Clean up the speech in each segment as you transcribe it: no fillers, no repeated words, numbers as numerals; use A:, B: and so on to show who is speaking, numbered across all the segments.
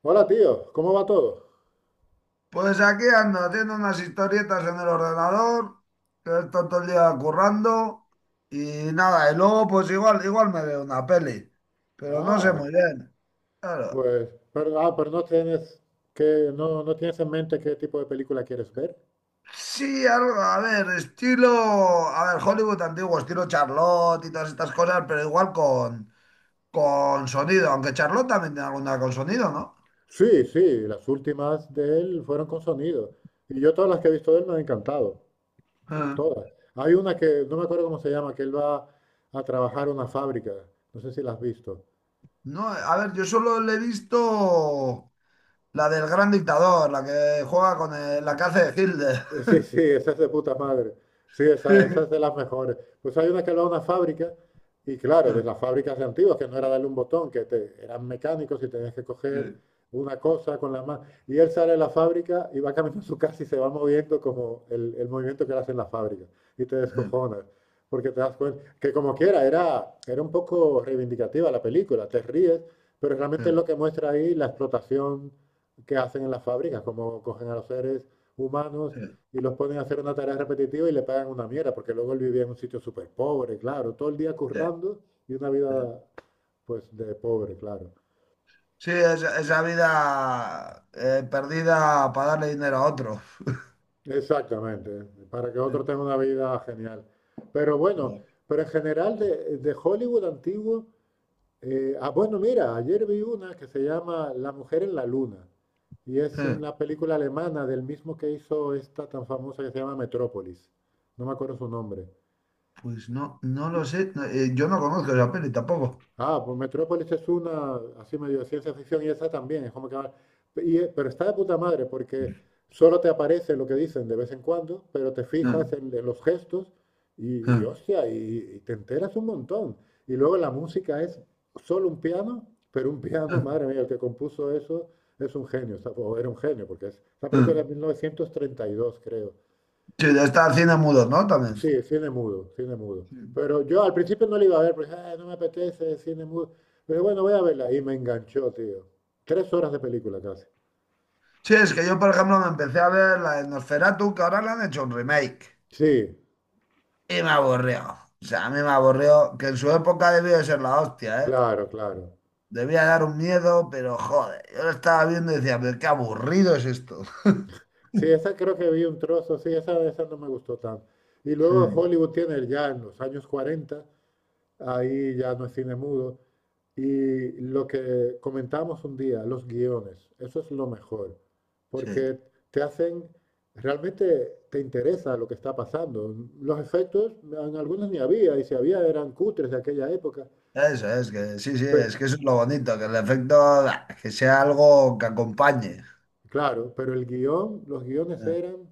A: Hola tío, ¿cómo va todo?
B: Pues aquí ando haciendo unas historietas en el ordenador, que he estado todo el día currando y nada, y luego pues igual, igual me veo una peli, pero no sé
A: Ah,
B: muy bien. Claro.
A: pero no tienes que, no, no tienes en mente qué tipo de película quieres ver.
B: Sí, algo, a ver, estilo, a ver, Hollywood antiguo, estilo Charlotte y todas estas cosas, pero igual con sonido, aunque Charlotte también tiene alguna con sonido, ¿no?
A: Sí, sí, las últimas de él fueron con sonido. Y yo todas las que he visto de él me han encantado.
B: Eh,
A: Todas. Hay una que, no me acuerdo cómo se llama, que él va a trabajar a una fábrica. No sé si la has visto.
B: No, a ver, yo solo le he visto la del gran dictador, la que juega con la que hace de Hitler.
A: Sí, sí, esa es de puta madre. Sí, esa es de las mejores. Pues hay una que va a una fábrica, y claro,
B: Sí,
A: de las fábricas de antiguas, que no era darle un botón, eran mecánicos y tenías que coger una cosa con la mano. Y él sale de la fábrica y va caminando a su casa y se va moviendo como el movimiento que él hace en la fábrica. Y te descojonas, porque te das cuenta que como quiera, era un poco reivindicativa la película, te ríes, pero realmente es lo que muestra ahí la explotación que hacen en las fábricas, cómo cogen a los seres humanos y los ponen a hacer una tarea repetitiva y le pagan una mierda, porque luego él vivía en un sitio súper pobre, claro, todo el día currando y una vida pues de pobre, claro.
B: esa vida perdida para darle dinero a otro.
A: Exactamente, para que otro tenga una vida genial. Pero bueno, pero en general de Hollywood antiguo, bueno, mira, ayer vi una que se llama La mujer en la luna y es una película alemana del mismo que hizo esta tan famosa que se llama Metrópolis. No me acuerdo su nombre.
B: Pues no, no lo sé. No, yo no conozco esa peli tampoco.
A: Ah, pues Metrópolis es una, así medio de ciencia ficción, y esa también, es como que... pero está de puta madre, porque solo te aparece lo que dicen de vez en cuando, pero te fijas en los gestos y, y te enteras un montón. Y luego la música es solo un piano, pero un piano, madre mía, el que compuso eso es un genio, o sea, o era un genio, porque es, esa película es de 1932, creo.
B: Sí, de estar cine mudo, ¿no? También.
A: Sí, cine mudo, cine mudo. Pero yo al principio no la iba a ver, porque "Ah, no me apetece cine mudo. Pero bueno, voy a verla. Y me enganchó, tío. 3 horas de película casi.
B: Sí, es que yo, por ejemplo, me empecé a ver la de Nosferatu, que ahora le han hecho un remake.
A: Sí,
B: Y me aburrió. O sea, a mí me aburrió, que en su época debió de ser la hostia, ¿eh?
A: claro, claro.
B: Debía dar un miedo, pero joder, yo lo estaba viendo y decía, pero qué aburrido es esto.
A: Sí, esa creo que vi un trozo, sí, esa no me gustó tanto. Y luego
B: Mm.
A: Hollywood tiene ya en los años 40, ahí ya no es cine mudo. Y lo que comentamos un día, los guiones, eso es lo mejor,
B: Sí,
A: porque te hacen, realmente te interesa lo que está pasando. Los efectos, en algunos ni había, y si había eran cutres de aquella época.
B: eso es que, sí, sí, es
A: Pero,
B: que eso es lo bonito, que el efecto, ah, que sea algo que acompañe.
A: claro, pero el guión, los guiones
B: Ah,
A: eran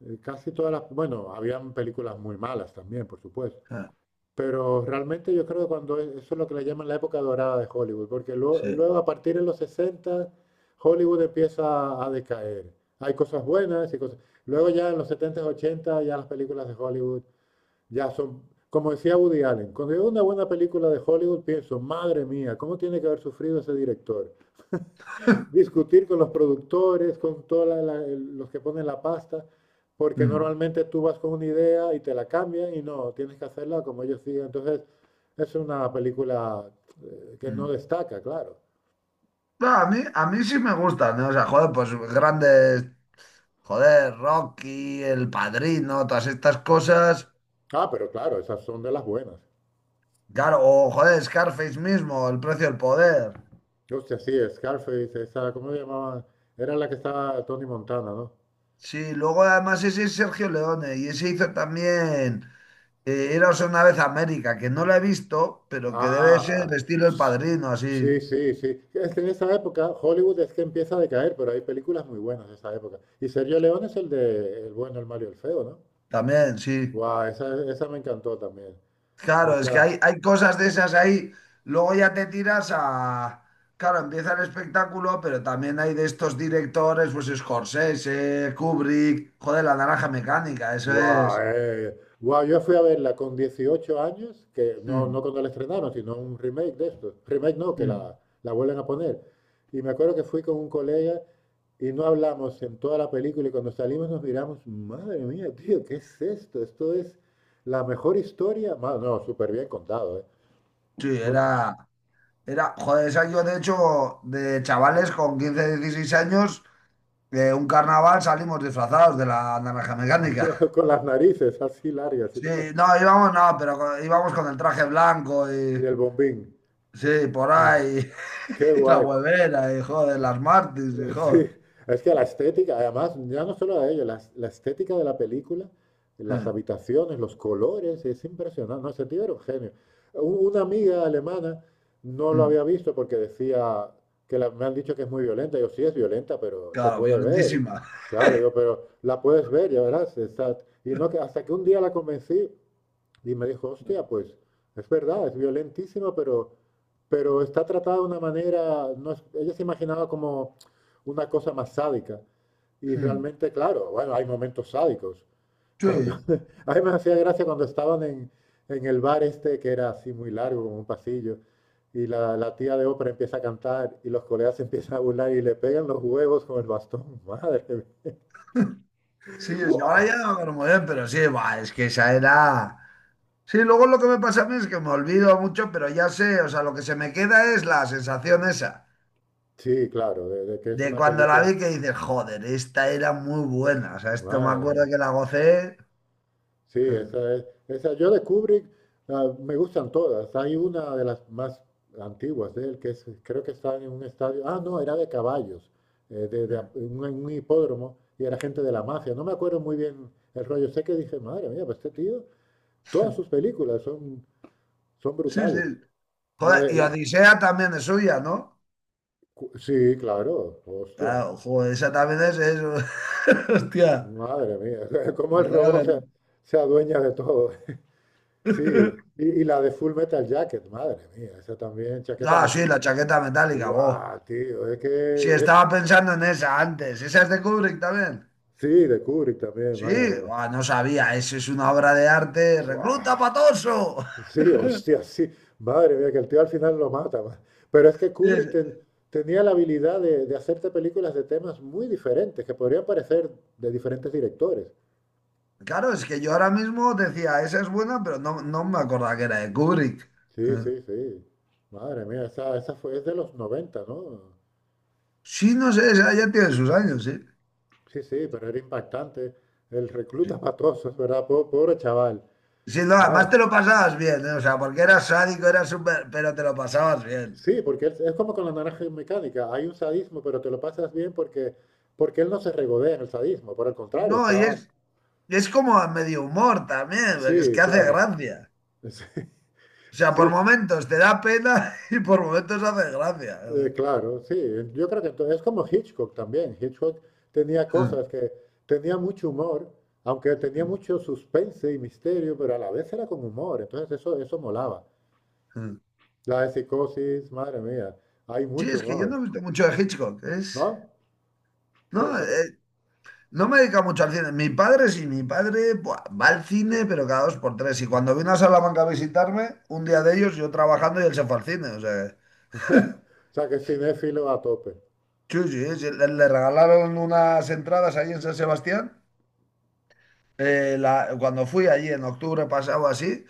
A: casi todas las, bueno, habían películas muy malas también, por supuesto.
B: ah,
A: Pero realmente yo creo que eso es lo que le llaman la época dorada de Hollywood, porque luego,
B: sí.
A: luego a partir de los 60 Hollywood empieza a decaer. Hay cosas buenas y cosas. Luego ya en los 70, 80 ya las películas de Hollywood ya son, como decía Woody Allen, cuando veo una buena película de Hollywood pienso, madre mía, ¿cómo tiene que haber sufrido ese director? Discutir con los productores, con todos los que ponen la pasta, porque
B: Mm,
A: normalmente tú vas con una idea y te la cambian y no, tienes que hacerla como ellos digan. Entonces, es una película que no
B: mm.
A: destaca, claro.
B: No, a mí sí me gustan, ¿no? O sea, joder, pues grandes, joder, Rocky, El Padrino, todas estas cosas.
A: Ah, pero claro, esas son de las buenas.
B: Claro, o joder, Scarface mismo, El Precio del Poder.
A: Hostia, sí, Scarface, esa, ¿cómo se llamaba? Era la que estaba Tony Montana, ¿no?
B: Sí, luego además ese es Sergio Leone y ese hizo también. Iros una vez a América, que no la he visto, pero que debe ser
A: Ah,
B: estilo El
A: s-
B: Padrino,
A: sí,
B: así.
A: sí, sí. Es que en esa época Hollywood es que empieza a decaer, pero hay películas muy buenas de esa época. Y Sergio León es el de El bueno, el malo y el feo, ¿no?
B: También, sí.
A: Guau, esa me encantó también.
B: Claro, es que
A: Esa,
B: hay cosas de esas ahí. Luego ya te tiras a... Claro, empieza el espectáculo, pero también hay de estos directores, pues Scorsese, Kubrick, joder, La Naranja Mecánica, eso es.
A: Guau, yo fui a verla con 18 años, que no, no
B: Mm,
A: cuando la estrenaron, sino un remake de esto. Remake no, que
B: mm.
A: la vuelven a poner. Y me acuerdo que fui con un colega. Y no hablamos en toda la película y cuando salimos nos miramos, madre mía, tío, ¿qué es esto? Esto es la mejor historia. No, súper bien contado, ¿eh?
B: Sí,
A: Porque
B: joder, esa yo de hecho, de chavales con 15 16 años, de un carnaval salimos disfrazados de La Naranja Mecánica.
A: con las narices así largas y,
B: Sí,
A: tal,
B: no, íbamos, no, pero íbamos con el traje blanco
A: y
B: y
A: el bombín.
B: sí, por ahí,
A: Qué
B: y la
A: guay.
B: huevera y joder, las Martins y
A: Sí,
B: joder.
A: es que la estética, además, ya no solo a ello, la estética de la película, las habitaciones, los colores, es impresionante. No, ese tío era un genio. Una amiga alemana no lo
B: Mm.
A: había visto porque decía que me han dicho que es muy violenta. Yo, sí, es violenta, pero se
B: Claro,
A: puede ver.
B: violentísima.
A: Claro, yo, pero la puedes ver, ya verás. Y no, que hasta que un día la convencí, y me dijo, hostia, pues es verdad, es violentísima, pero está tratada de una manera, no es- ella se imaginaba como una cosa más sádica. Y
B: Mm.
A: realmente, claro, bueno, hay momentos sádicos.
B: Sí,
A: Cuando, a mí me hacía gracia cuando estaban en el bar este, que era así muy largo, como un pasillo, y la tía de ópera empieza a cantar y los colegas se empiezan a burlar y le pegan los huevos con el bastón. Madre mía.
B: sí, ahora ya no me acuerdo muy bien, pero sí, va, es que esa era. Sí, luego lo que me pasa a mí es que me olvido mucho, pero ya sé, o sea, lo que se me queda es la sensación esa,
A: Sí, claro, de que es
B: de
A: una
B: cuando la
A: película.
B: vi que dices, joder, esta era muy buena, o sea, esto me
A: Madre
B: acuerdo
A: mía.
B: que la gocé.
A: Sí,
B: Mm,
A: esa es. Esa, yo de Kubrick, me gustan todas. Hay una de las más antiguas de él, que es, creo que está en un estadio. Ah, no, era de caballos,
B: mm.
A: un hipódromo, y era gente de la mafia. No me acuerdo muy bien el rollo. Sé que dije, madre mía, pues este tío, todas sus películas son, son
B: Sí, sí.
A: brutales. La
B: Joder,
A: de
B: y
A: la.
B: Odisea también es suya, ¿no?
A: Sí, claro, hostia,
B: Claro, joder, esa también es... Hostia.
A: madre mía, cómo el
B: Pero te la
A: robot se,
B: ven.
A: se adueña de todo. Sí, y la de Full Metal Jacket, madre mía, esa también, chaqueta
B: Ah, sí,
A: metida.
B: la chaqueta metálica, vos.
A: Guau, tío, es
B: Sí,
A: que es-
B: estaba pensando en esa antes. ¿Esa es de Kubrick también?
A: Sí, de Kubrick también,
B: Sí,
A: madre mía.
B: ah, no sabía. Eso es una obra de arte.
A: Guau,
B: ¡Recluta patoso!
A: sí, hostia, sí, madre mía, que el tío al final lo mata. Pero es que
B: Sí,
A: Kubrick ten- tenía la habilidad de hacerte películas de temas muy diferentes, que podrían parecer de diferentes directores.
B: claro, es que yo ahora mismo decía, esa es buena, pero no, no me acordaba que era de Kubrick.
A: Sí, sí, sí. Madre mía, esa fue, es de los 90, ¿no?
B: Sí, no sé, esa ya tiene sus años, sí.
A: Sí, sí, pero era impactante. El recluta
B: Sí.
A: matoso, es verdad, pobre chaval.
B: Sí, no, además
A: Vale.
B: te lo pasabas bien, ¿eh? O sea, porque eras sádico, eras súper, pero te lo pasabas bien.
A: Sí, porque es como con la naranja mecánica. Hay un sadismo, pero te lo pasas bien porque, porque él no se regodea en el sadismo. Por el contrario,
B: No,
A: está...
B: y es como a medio humor también, porque es
A: Sí,
B: que hace
A: claro.
B: gracia. O sea, por
A: Sí, sí,
B: momentos te da pena y por momentos hace gracia.
A: claro, sí. Yo creo que entonces es como Hitchcock también. Hitchcock tenía cosas que... Tenía mucho humor, aunque tenía mucho suspense y misterio, pero a la vez era con humor. Entonces eso molaba. La de psicosis, madre mía, hay
B: Sí,
A: mucho
B: es que yo no
A: humor,
B: he visto mucho de Hitchcock, es...
A: ¿no?
B: No,
A: Pe- pero-
B: no me dedico mucho al cine. Mi padre sí, mi padre buah, va al cine, pero cada dos por tres. Y cuando vino a Salamanca a visitarme, un día de ellos yo trabajando y él se fue al cine, o sea...
A: o sea, que es cinéfilo a tope.
B: Sí, sí, sí, le regalaron unas entradas ahí en San Sebastián. Cuando fui allí en octubre pasado así,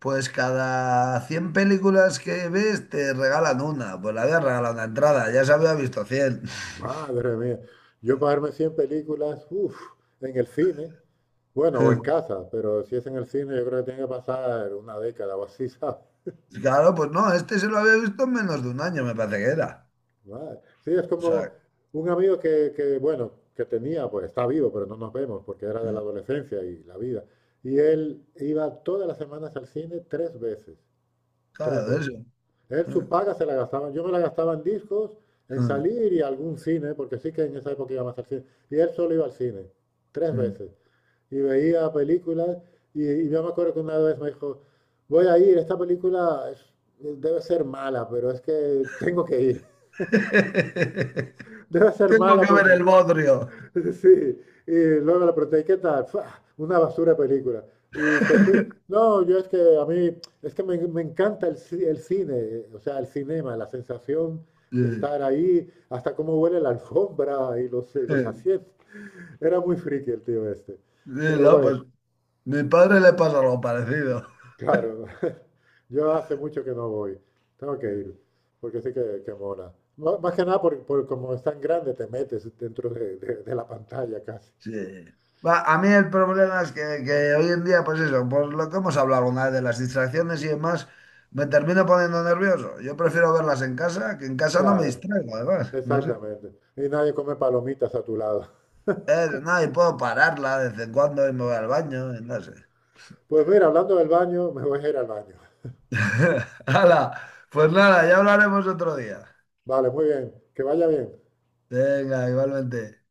B: pues cada 100 películas que ves te regalan una. Pues le habían regalado una entrada, ya se había visto 100.
A: Madre mía. Yo pagarme 100 películas, uff, en el cine, bueno, o en casa, pero si es en el cine, yo creo que tiene que pasar una década o así, ¿sabes?
B: Claro, pues no, este se lo había visto en menos de un año, me parece que era.
A: Madre. Sí, es
B: O
A: como
B: sea,
A: un amigo que, bueno, que tenía, pues está vivo, pero no nos vemos porque era de la adolescencia y la vida. Y él iba todas las semanas al cine 3 veces, tres
B: claro,
A: veces.
B: eso.
A: Él su paga se la gastaba, yo me la gastaba en discos, en salir y algún cine, porque sí que en esa época iba más al cine. Y él solo iba al cine, 3 veces. Y veía películas y yo me acuerdo que una vez me dijo, voy a ir, esta película debe ser mala, pero es que tengo que ir. Debe ser
B: Tengo
A: mala
B: que
A: porque...
B: ver el bodrio.
A: Sí, y luego le pregunté, "¿Y ¿qué tal? "Fua, una basura de película. Y te fuiste. No, yo es que a mí, es que me encanta el cine, o sea, el cinema, la sensación
B: Sí,
A: de estar ahí, hasta cómo huele la alfombra y los
B: sí,
A: asientos. Era muy friki el tío este. Pero
B: no,
A: bueno.
B: pues mi padre le pasa algo parecido.
A: Claro, yo hace mucho que no voy. Tengo que ir, porque sí que mola. Más que nada, por como es tan grande, te metes dentro de, de la pantalla casi.
B: Sí. Va, a mí el problema es que hoy en día, pues eso, por lo que hemos hablado alguna vez de las distracciones y demás, me termino poniendo nervioso. Yo prefiero verlas en casa, que en casa no me
A: Claro,
B: distraigo, además. No sé.
A: exactamente. Y nadie come palomitas a tu lado.
B: No, y puedo pararla de vez en cuando y me voy al baño, y no sé.
A: Pues mira, hablando del baño, me voy a ir al baño.
B: Hala, pues nada, ya hablaremos otro día.
A: Vale, muy bien. Que vaya bien.
B: Venga, igualmente.